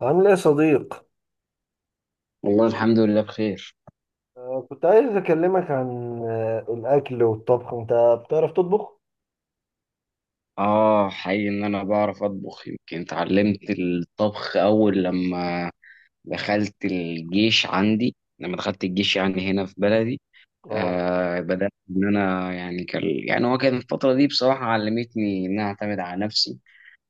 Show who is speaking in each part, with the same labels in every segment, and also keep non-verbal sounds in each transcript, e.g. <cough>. Speaker 1: عامل ايه يا صديق؟
Speaker 2: والله الحمد لله بخير.
Speaker 1: كنت عايز اكلمك عن الاكل والطبخ. انت بتعرف تطبخ؟
Speaker 2: اه، حقيقي ان انا بعرف اطبخ. يمكن اتعلمت الطبخ اول لما دخلت الجيش، يعني هنا في بلدي.
Speaker 1: اه،
Speaker 2: بدأت ان انا، يعني كان يعني هو كان الفترة دي بصراحة علمتني ان انا اعتمد على نفسي.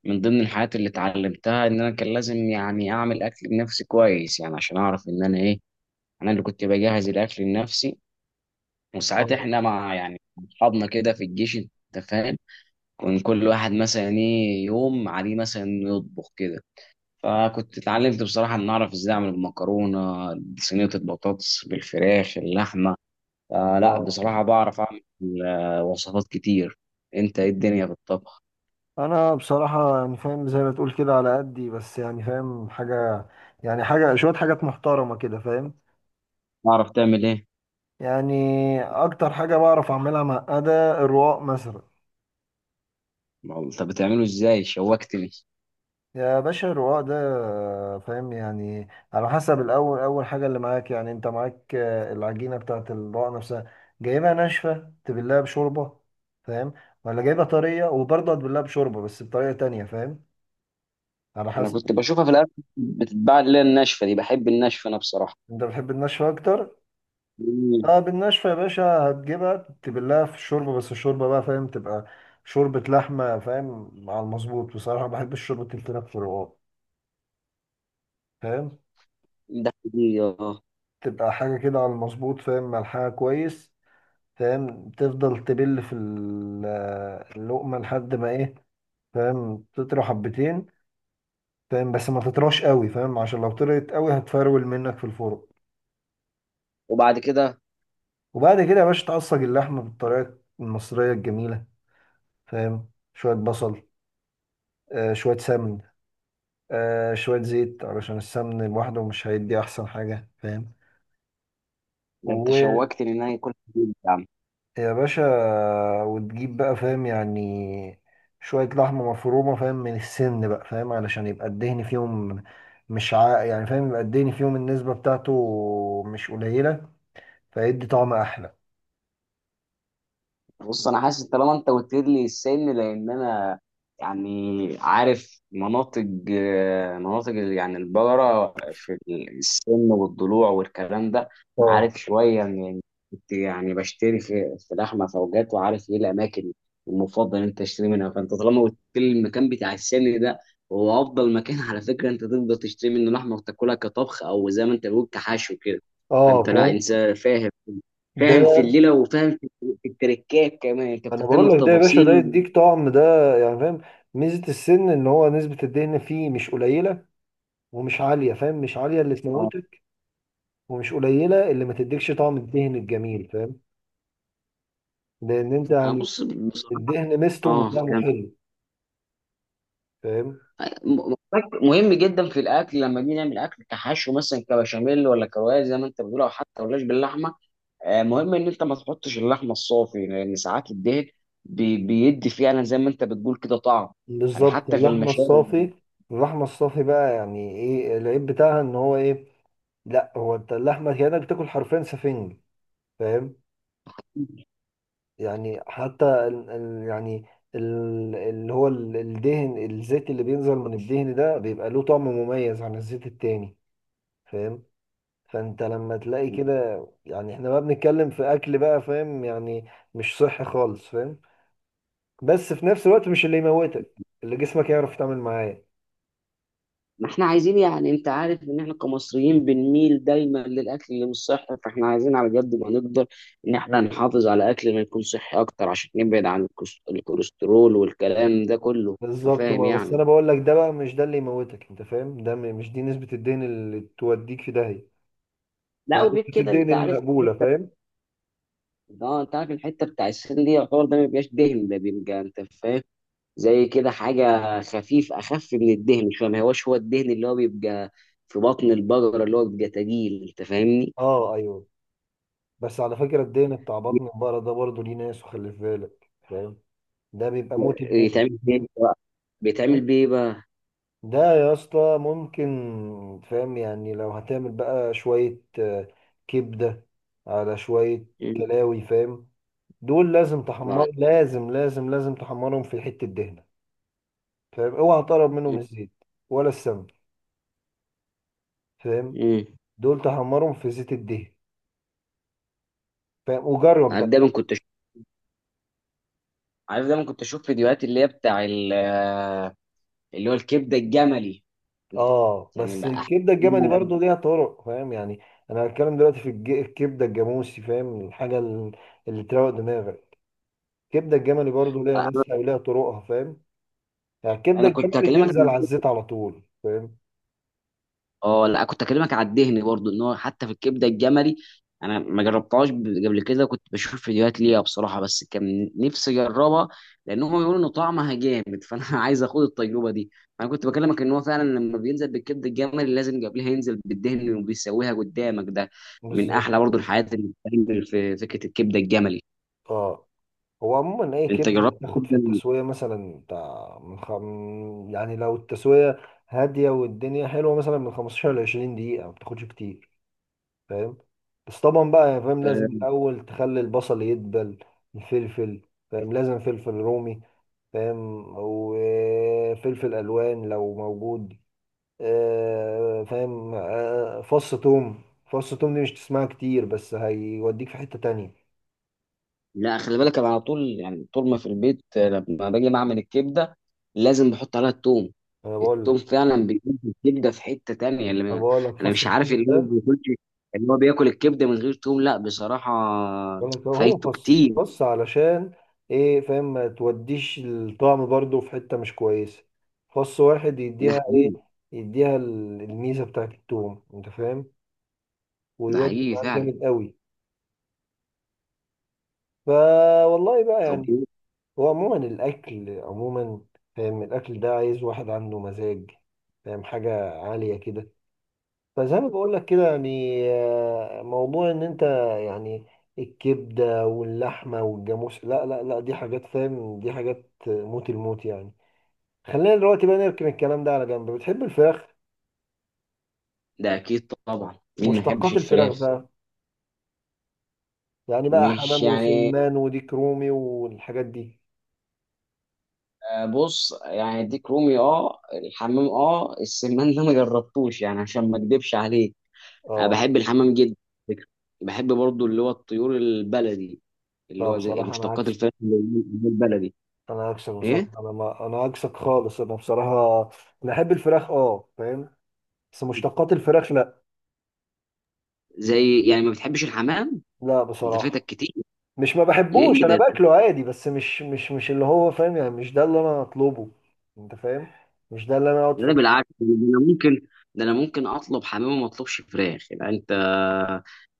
Speaker 2: من ضمن الحاجات اللي اتعلمتها ان انا كان لازم يعني اعمل اكل لنفسي كويس، يعني عشان اعرف ان انا انا اللي كنت بجهز الاكل لنفسي. وساعات
Speaker 1: اه،
Speaker 2: احنا مع، يعني، اصحابنا كده في الجيش، انت فاهم، كان كل واحد مثلا يوم عليه مثلا إنه يطبخ كده. فكنت اتعلمت بصراحة ان اعرف ازاي اعمل المكرونة، صينية البطاطس بالفراخ، اللحمة. فلا،
Speaker 1: اه.
Speaker 2: بصراحة بعرف اعمل وصفات كتير. انت ايه الدنيا في الطبخ؟
Speaker 1: انا بصراحة يعني فاهم زي ما تقول كده، على قدي، بس يعني فاهم حاجة، يعني حاجة، شوية حاجات محترمة كده، فاهم؟
Speaker 2: بعرف تعمل ايه؟
Speaker 1: يعني اكتر حاجة بعرف اعملها معقدة الرقاق مثلا.
Speaker 2: ما هو انت بتعمله ازاي؟ شوقتني.
Speaker 1: يا باشا الرواق ده، فاهم يعني، على حسب الأول. أول حاجة اللي معاك، يعني أنت معاك العجينة بتاعة الرواق نفسها، جايبها ناشفة تبلها بشوربة، فاهم؟ ولا جايبها طرية وبرضه هتبلها بشوربة بس بطريقة تانية، فاهم؟ على
Speaker 2: انا
Speaker 1: حسب.
Speaker 2: كنت بشوفها في الاكل بتتباع، اللي هي الناشفة دي. بحب الناشفة انا بصراحة.
Speaker 1: أنت بتحب الناشفة أكتر؟
Speaker 2: مم.
Speaker 1: أه، بالناشفة يا باشا. هتجيبها تبلها في الشوربة، بس الشوربة بقى، فاهم، تبقى شوربة لحمة، فاهم، على المظبوط. بصراحة بحب الشوربة اللي بتبقى في الرواق، فاهم،
Speaker 2: دي. اه.
Speaker 1: تبقى حاجة كده على المظبوط، فاهم، ملحها كويس، فاهم. تفضل تبل في اللقمة لحد ما ايه، فاهم، تطرى حبتين، فاهم. بس ما تطراش قوي، فاهم، عشان لو طرت قوي هتفرول منك في الفرن.
Speaker 2: وبعد كده.
Speaker 1: وبعد كده يا باشا تعصج اللحمة بالطريقة المصرية الجميلة، فاهم، شوية بصل، شوية سمن، شوية زيت، علشان السمن لوحده مش هيدي أحسن حاجة، فاهم.
Speaker 2: ده انت
Speaker 1: و...
Speaker 2: شوقتني ان انا اكل.
Speaker 1: يا باشا، وتجيب بقى، فاهم يعني، شوية لحمة مفرومة، فاهم، من السن بقى، فاهم، علشان يبقى الدهن فيهم. مش عا يعني فاهم، يبقى الدهن فيهم النسبة بتاعته مش قليلة، فيدي طعم أحلى.
Speaker 2: بص انا حاسس، طالما انت قلت لي السن، لان انا يعني عارف مناطق، مناطق يعني البقره في السن والضلوع والكلام ده.
Speaker 1: اه،
Speaker 2: عارف شويه، من كنت يعني بشتري في لحمه فوجات، وعارف ايه الاماكن المفضل إن انت تشتري منها. فانت طالما قلت لي المكان بتاع السن ده هو افضل مكان <laughs> على فكره. انت تقدر تشتري منه لحمه وتاكلها كطبخ، او زي ما انت بتقول، كحشو كده.
Speaker 1: اه،
Speaker 2: فانت لا
Speaker 1: فاهم.
Speaker 2: انسان فاهم، فاهم في
Speaker 1: ده
Speaker 2: الليله، وفاهم في التركات كمان، انت
Speaker 1: انا
Speaker 2: بتهتم
Speaker 1: بقول لك ده يا باشا، ده
Speaker 2: بتفاصيل.
Speaker 1: يديك طعم، ده يعني فاهم. ميزة السن ان هو نسبة الدهن فيه مش قليلة ومش عالية، فاهم، مش عالية اللي
Speaker 2: اه،
Speaker 1: تموتك ومش قليلة اللي ما تديكش طعم الدهن الجميل، فاهم. لان انت
Speaker 2: انا
Speaker 1: يعني
Speaker 2: بص بصراحه.
Speaker 1: الدهن ميزته، مش
Speaker 2: اه،
Speaker 1: طعمه
Speaker 2: كم.
Speaker 1: حلو، فاهم.
Speaker 2: م- م- مهم جدا في الاكل لما بنيجي نعمل اكل كحشو، مثلا كبشاميل، ولا كروايه زي ما انت بتقول، او حتى ولاش باللحمه. مهم ان انت ما تحطش اللحمه الصافي، لان ساعات الدهن بيدي فعلا، زي ما انت بتقول كده، طعم. يعني
Speaker 1: بالظبط.
Speaker 2: حتى في
Speaker 1: اللحمة
Speaker 2: المشاوي.
Speaker 1: الصافي، اللحمة الصافي بقى يعني ايه العيب بتاعها؟ ان هو ايه، لا هو انت اللحمة كأنك بتاكل حرفيا سفنج، فاهم. يعني حتى ال ال يعني ال اللي هو ال- الدهن، الزيت اللي بينزل من الدهن ده بيبقى له طعم مميز عن الزيت التاني، فاهم. فانت لما تلاقي كده، يعني احنا بقى بنتكلم في اكل بقى، فاهم، يعني مش صحي خالص، فاهم، بس في نفس الوقت مش اللي يموتك، اللي جسمك يعرف يتعامل معاه.
Speaker 2: ما احنا عايزين، يعني انت عارف ان احنا كمصريين بنميل دايما للاكل اللي مش صحي، فاحنا عايزين على قد ما نقدر ان احنا نحافظ على اكل ما يكون صحي اكتر، عشان نبعد عن الكوليسترول والكلام ده كله. انت
Speaker 1: بالظبط.
Speaker 2: فاهم
Speaker 1: ما بس
Speaker 2: يعني.
Speaker 1: انا بقول لك ده بقى، مش ده اللي يموتك، انت فاهم، مش دي نسبة الدين اللي توديك في داهية،
Speaker 2: لا،
Speaker 1: يعني
Speaker 2: وغير
Speaker 1: مش
Speaker 2: كده
Speaker 1: الدين
Speaker 2: انت عارف
Speaker 1: المقبولة، فاهم.
Speaker 2: اه، انت عارف الحته بتاع السن دي، يعتبر ده ما بيبقاش دهن، ده بيبقى، انت فاهم، زي كده حاجه خفيف، اخف من الدهن شويه، ما هوش هو الدهن اللي هو بيبقى في بطن البقره اللي هو بيبقى تقيل، انت فاهمني.
Speaker 1: اه، ايوه. بس على فكرة الدين بتاع بطن البقرة ده برضه ليه ناس، وخلي في بالك فاهم، ده بيبقى موت الموت.
Speaker 2: بيتعمل بيه بيتعمل
Speaker 1: تمام.
Speaker 2: بيه إيه بقى؟
Speaker 1: ده يا اسطى ممكن، فاهم يعني، لو هتعمل بقى شوية كبدة على شوية كلاوي، فاهم، دول لازم تحمر،
Speaker 2: ما
Speaker 1: لازم لازم لازم تحمرهم في حتة دهنة، فاهم. اوعى تقرب منهم الزيت ولا السمن، فاهم،
Speaker 2: امم
Speaker 1: دول تحمرهم في زيت الدهن، فاهم، وجرب
Speaker 2: عارف
Speaker 1: بقى.
Speaker 2: دايما كنت أشوف عارف دايما كنت اشوف فيديوهات اللي هي بتاع ال- اللي هو الكبده الجملي.
Speaker 1: اه،
Speaker 2: يعني
Speaker 1: بس
Speaker 2: بقى-
Speaker 1: الكبده الجملي برضو ليها طرق، فاهم يعني. انا هتكلم دلوقتي في الكبده الجاموسي، فاهم، الحاجه اللي تروق دماغك. الكبده الجملي برضو ليها ناسها وليها طرقها، فاهم يعني، الكبده
Speaker 2: انا كنت
Speaker 1: الجملي
Speaker 2: هكلمك.
Speaker 1: تنزل على الزيت على طول، فاهم.
Speaker 2: اه لا، كنت اكلمك على الدهن برضو، ان هو حتى في الكبده الجملي انا ما جربتهاش قبل كده. كنت بشوف فيديوهات ليها بصراحه، بس كان نفسي اجربها، لان هم بيقولوا ان طعمها جامد <laughs> فانا عايز اخد التجربه دي. انا كنت بكلمك ان هو فعلا لما بينزل بالكبده الجملي لازم قبلها ينزل بالدهن، وبيسويها قدامك ده من
Speaker 1: بالظبط.
Speaker 2: احلى برضو الحاجات اللي بتتعمل في فكره الكبده الجملي.
Speaker 1: اه، هو عموما اي
Speaker 2: انت
Speaker 1: كبده
Speaker 2: جربت
Speaker 1: بتاخد في
Speaker 2: الكبده؟
Speaker 1: التسويه، مثلا بتاع يعني لو التسويه هاديه والدنيا حلوه، مثلا من 15 ل 20 دقيقه، ما بتاخدش كتير، فاهم. بس طبعا بقى يا فاهم، لازم الاول تخلي البصل يدبل، الفلفل، فاهم، لازم فلفل رومي، فاهم، وفلفل الوان لو موجود، فاهم، فص توم. فص توم دي مش تسمعها كتير، بس هيوديك في حتة تانية.
Speaker 2: لا، خلي بالك، انا على طول يعني طول ما في البيت لما باجي بعمل الكبده لازم بحط عليها التوم.
Speaker 1: انا بقول
Speaker 2: التوم
Speaker 1: لك
Speaker 2: فعلا بيجيب الكبده في حته تانية اللي
Speaker 1: انا بقول لك
Speaker 2: انا
Speaker 1: فص
Speaker 2: مش عارف،
Speaker 1: التوم ده،
Speaker 2: اللي هو بياكل الكبده من غير توم لا بصراحه،
Speaker 1: بقول لك هو
Speaker 2: فايته
Speaker 1: خص
Speaker 2: كتير.
Speaker 1: خص، علشان ايه فاهم، ما توديش الطعم برضو في حتة مش كويسة. فص واحد
Speaker 2: ده
Speaker 1: يديها ايه،
Speaker 2: حقيقي.
Speaker 1: يديها الميزة بتاعت التوم، انت فاهم،
Speaker 2: ده
Speaker 1: ويودي
Speaker 2: حقيقي
Speaker 1: معاك
Speaker 2: فعلا.
Speaker 1: جامد قوي. فا والله بقى
Speaker 2: طب
Speaker 1: يعني،
Speaker 2: إيه؟
Speaker 1: هو عموما الاكل عموما، فاهم، الاكل ده عايز واحد عنده مزاج، فاهم، حاجة عالية كده. فزي ما بقول لك كده يعني، موضوع ان انت يعني الكبده واللحمه والجاموس، لا لا لا، دي حاجات، فاهم، دي حاجات موت الموت يعني. خلينا دلوقتي بقى نركن الكلام ده على جنب. بتحب الفراخ؟
Speaker 2: ده اكيد طبعا، مين ما يحبش
Speaker 1: مشتقات الفراخ
Speaker 2: الفراخ؟
Speaker 1: بقى، يعني بقى
Speaker 2: مش
Speaker 1: حمام
Speaker 2: يعني.
Speaker 1: وسلمان وديك رومي والحاجات دي.
Speaker 2: بص يعني، ديك رومي، الحمام، السمان ده ما جربتوش يعني، عشان ما اكدبش عليك. انا
Speaker 1: اه،
Speaker 2: بحب الحمام جدا على فكرة. بحب برضو اللي هو الطيور البلدي، اللي
Speaker 1: لا
Speaker 2: هو زي
Speaker 1: بصراحه انا
Speaker 2: مشتقات
Speaker 1: عكسك،
Speaker 2: الفراخ اللي هي البلدي.
Speaker 1: بصراحه،
Speaker 2: ايه؟
Speaker 1: انا ما انا عكسك خالص، انا بصراحه بحب الفراخ، اه فاهم، بس مشتقات الفراخ لا،
Speaker 2: زي يعني ما بتحبش الحمام.
Speaker 1: لا
Speaker 2: انت فاتك
Speaker 1: بصراحه.
Speaker 2: كتير.
Speaker 1: مش ما بحبوش،
Speaker 2: ليه
Speaker 1: انا
Speaker 2: ده؟
Speaker 1: باكله عادي، بس مش اللي هو فاهم، يعني مش ده اللي انا اطلبه، انت فاهم، مش ده اللي انا اقعد
Speaker 2: ده انا
Speaker 1: في.
Speaker 2: بالعكس. انا ممكن ده انا ممكن اطلب حمام وما اطلبش فراخ. يبقى انت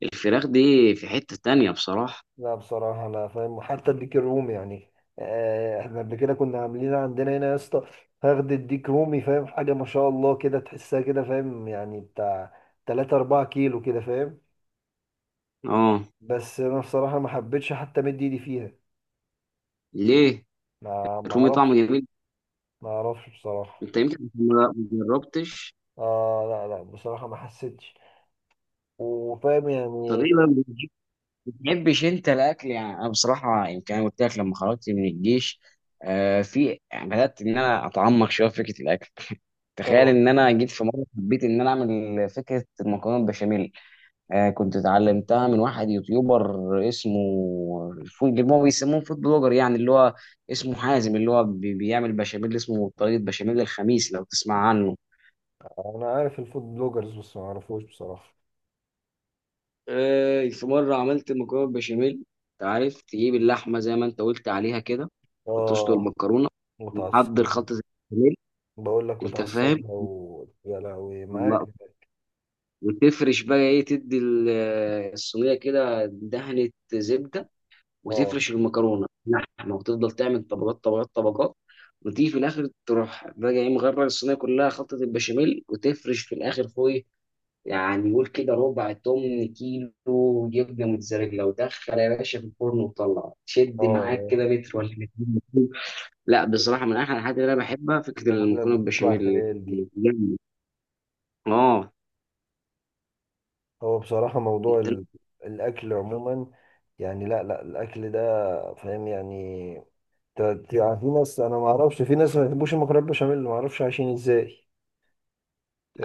Speaker 2: الفراخ دي في حتة تانية بصراحة.
Speaker 1: لا بصراحه لا، فاهم، وحتى الديك الرومي يعني، احنا قبل كده كنا عاملين عندنا هنا يا اسطى، فخد الديك رومي، فاهم، حاجه ما شاء الله كده تحسها كده، فاهم، يعني بتاع 3 4 كيلو كده، فاهم.
Speaker 2: اه،
Speaker 1: بس انا بصراحه ما حبيتش حتى مد ايدي فيها.
Speaker 2: ليه؟
Speaker 1: ما
Speaker 2: الرومي طعمه
Speaker 1: اعرفش،
Speaker 2: جميل.
Speaker 1: ما اعرفش بصراحه.
Speaker 2: انت يمكن ما جربتش.
Speaker 1: اه، لا لا بصراحه ما حسيتش، وفاهم
Speaker 2: طب
Speaker 1: يعني.
Speaker 2: ايه بقى؟ بتحبش انت الاكل؟ يعني انا بصراحه، يمكن انا قلت لك، لما خرجت من الجيش في يعني بدات ان انا اتعمق شويه في فكره الاكل. تخيل
Speaker 1: آه.
Speaker 2: ان انا جيت في مره حبيت ان انا اعمل فكره المكرونه البشاميل. كنت اتعلمتها من واحد يوتيوبر، اسمه فود، اللي هو بيسموه فود بلوجر يعني، اللي هو اسمه حازم، اللي هو بيعمل بشاميل، اسمه طريقه بشاميل الخميس، لو تسمع عنه.
Speaker 1: انا عارف الفود بلوجرز، بس ما اعرفوش بصراحه.
Speaker 2: في مرة عملت مكرونة بشاميل. انت عارف تجيب اللحمة زي ما انت قلت عليها كده، وتسلق
Speaker 1: اه،
Speaker 2: المكرونة، وتحضر
Speaker 1: متعصبها.
Speaker 2: خلطة البشاميل.
Speaker 1: بقول لك
Speaker 2: انت فاهم.
Speaker 1: متعصبها يا لهوي معاك،
Speaker 2: الله.
Speaker 1: اه،
Speaker 2: وتفرش بقى ايه، تدي الصينية كده دهنة زبدة،
Speaker 1: اه،
Speaker 2: وتفرش المكرونة، لحمة، وتفضل تعمل طبقات طبقات طبقات. وتيجي في الاخر تروح بقى ايه، مغرق الصينية كلها خلطة البشاميل، وتفرش في الاخر فوق. يعني قول كده ربع تمن كيلو يبقى موتزاريلا، ودخل يا باشا في الفرن وطلع، شد معاك
Speaker 1: آه.
Speaker 2: كده متر ولا مترين. لا بصراحه، من احلى الحاجات اللي انا بحبها فكره
Speaker 1: انا بقول لك
Speaker 2: المكرونه
Speaker 1: بتطلع
Speaker 2: بالبشاميل.
Speaker 1: خيال دي.
Speaker 2: جامد. اه.
Speaker 1: هو بصراحه موضوع
Speaker 2: انت.
Speaker 1: الاكل عموما يعني، لا لا، الاكل ده، فاهم يعني، يعني في ناس، انا ما اعرفش، في ناس ما بيحبوش المكرونه بشاميل، ما اعرفش عايشين ازاي.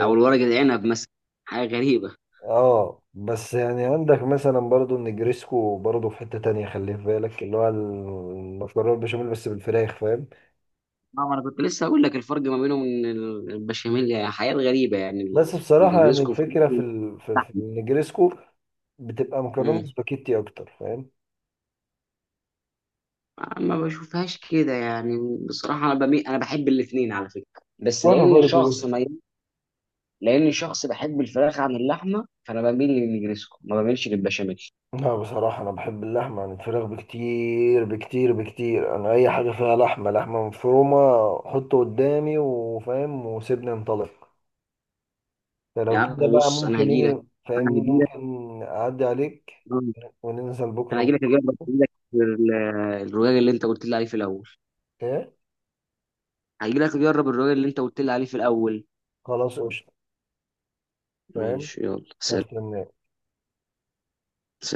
Speaker 2: او الورق العنب مثلا، حاجه غريبه.
Speaker 1: اه، بس يعني عندك مثلا برضو النجريسكو، برضو في حتة تانية، خليه في بالك، اللي هو المكرونة البشاميل بس بالفراخ، فاهم.
Speaker 2: اه، ما انا كنت لسه هقول لك الفرق ما بينهم، ان البشاميل يعني حاجات غريبه يعني
Speaker 1: بس بصراحة يعني
Speaker 2: النجريسكو فرنسي
Speaker 1: الفكرة في في
Speaker 2: واللحمة.
Speaker 1: النجريسكو بتبقى مكرونة
Speaker 2: امم.
Speaker 1: سباكيتي أكتر، فاهم.
Speaker 2: ما بشوفهاش كده يعني، بصراحه انا بحب الاثنين على فكره، بس
Speaker 1: وأنا
Speaker 2: لان
Speaker 1: برضو،
Speaker 2: شخص ما،
Speaker 1: بس
Speaker 2: لاني شخص بحب الفراخ عن اللحمه فانا بميل للنجريسكو ما بميلش للبشاميل.
Speaker 1: لا بصراحة أنا بحب اللحمة عن الفراخ بكتير بكتير بكتير، أنا أي حاجة فيها لحمة، لحمة مفرومة، حطه قدامي، وفاهم، وسيبني انطلق.
Speaker 2: يا
Speaker 1: فلو كده
Speaker 2: عم
Speaker 1: بقى
Speaker 2: بص.
Speaker 1: ممكن، إيه
Speaker 2: انا
Speaker 1: فاهمني،
Speaker 2: هجي لك.
Speaker 1: ممكن أعدي عليك
Speaker 2: آه،
Speaker 1: وننزل بكرة
Speaker 2: انا
Speaker 1: مع
Speaker 2: هجي لك اجرب،
Speaker 1: بعض.
Speaker 2: الرواية اللي انت قلت لي عليه في الاول.
Speaker 1: ايه،
Speaker 2: هجي لك اجرب الرواية اللي انت قلت لي عليه في الاول.
Speaker 1: خلاص قشطة، فاهم،
Speaker 2: ماشي، يلا، سلام.
Speaker 1: هستناك.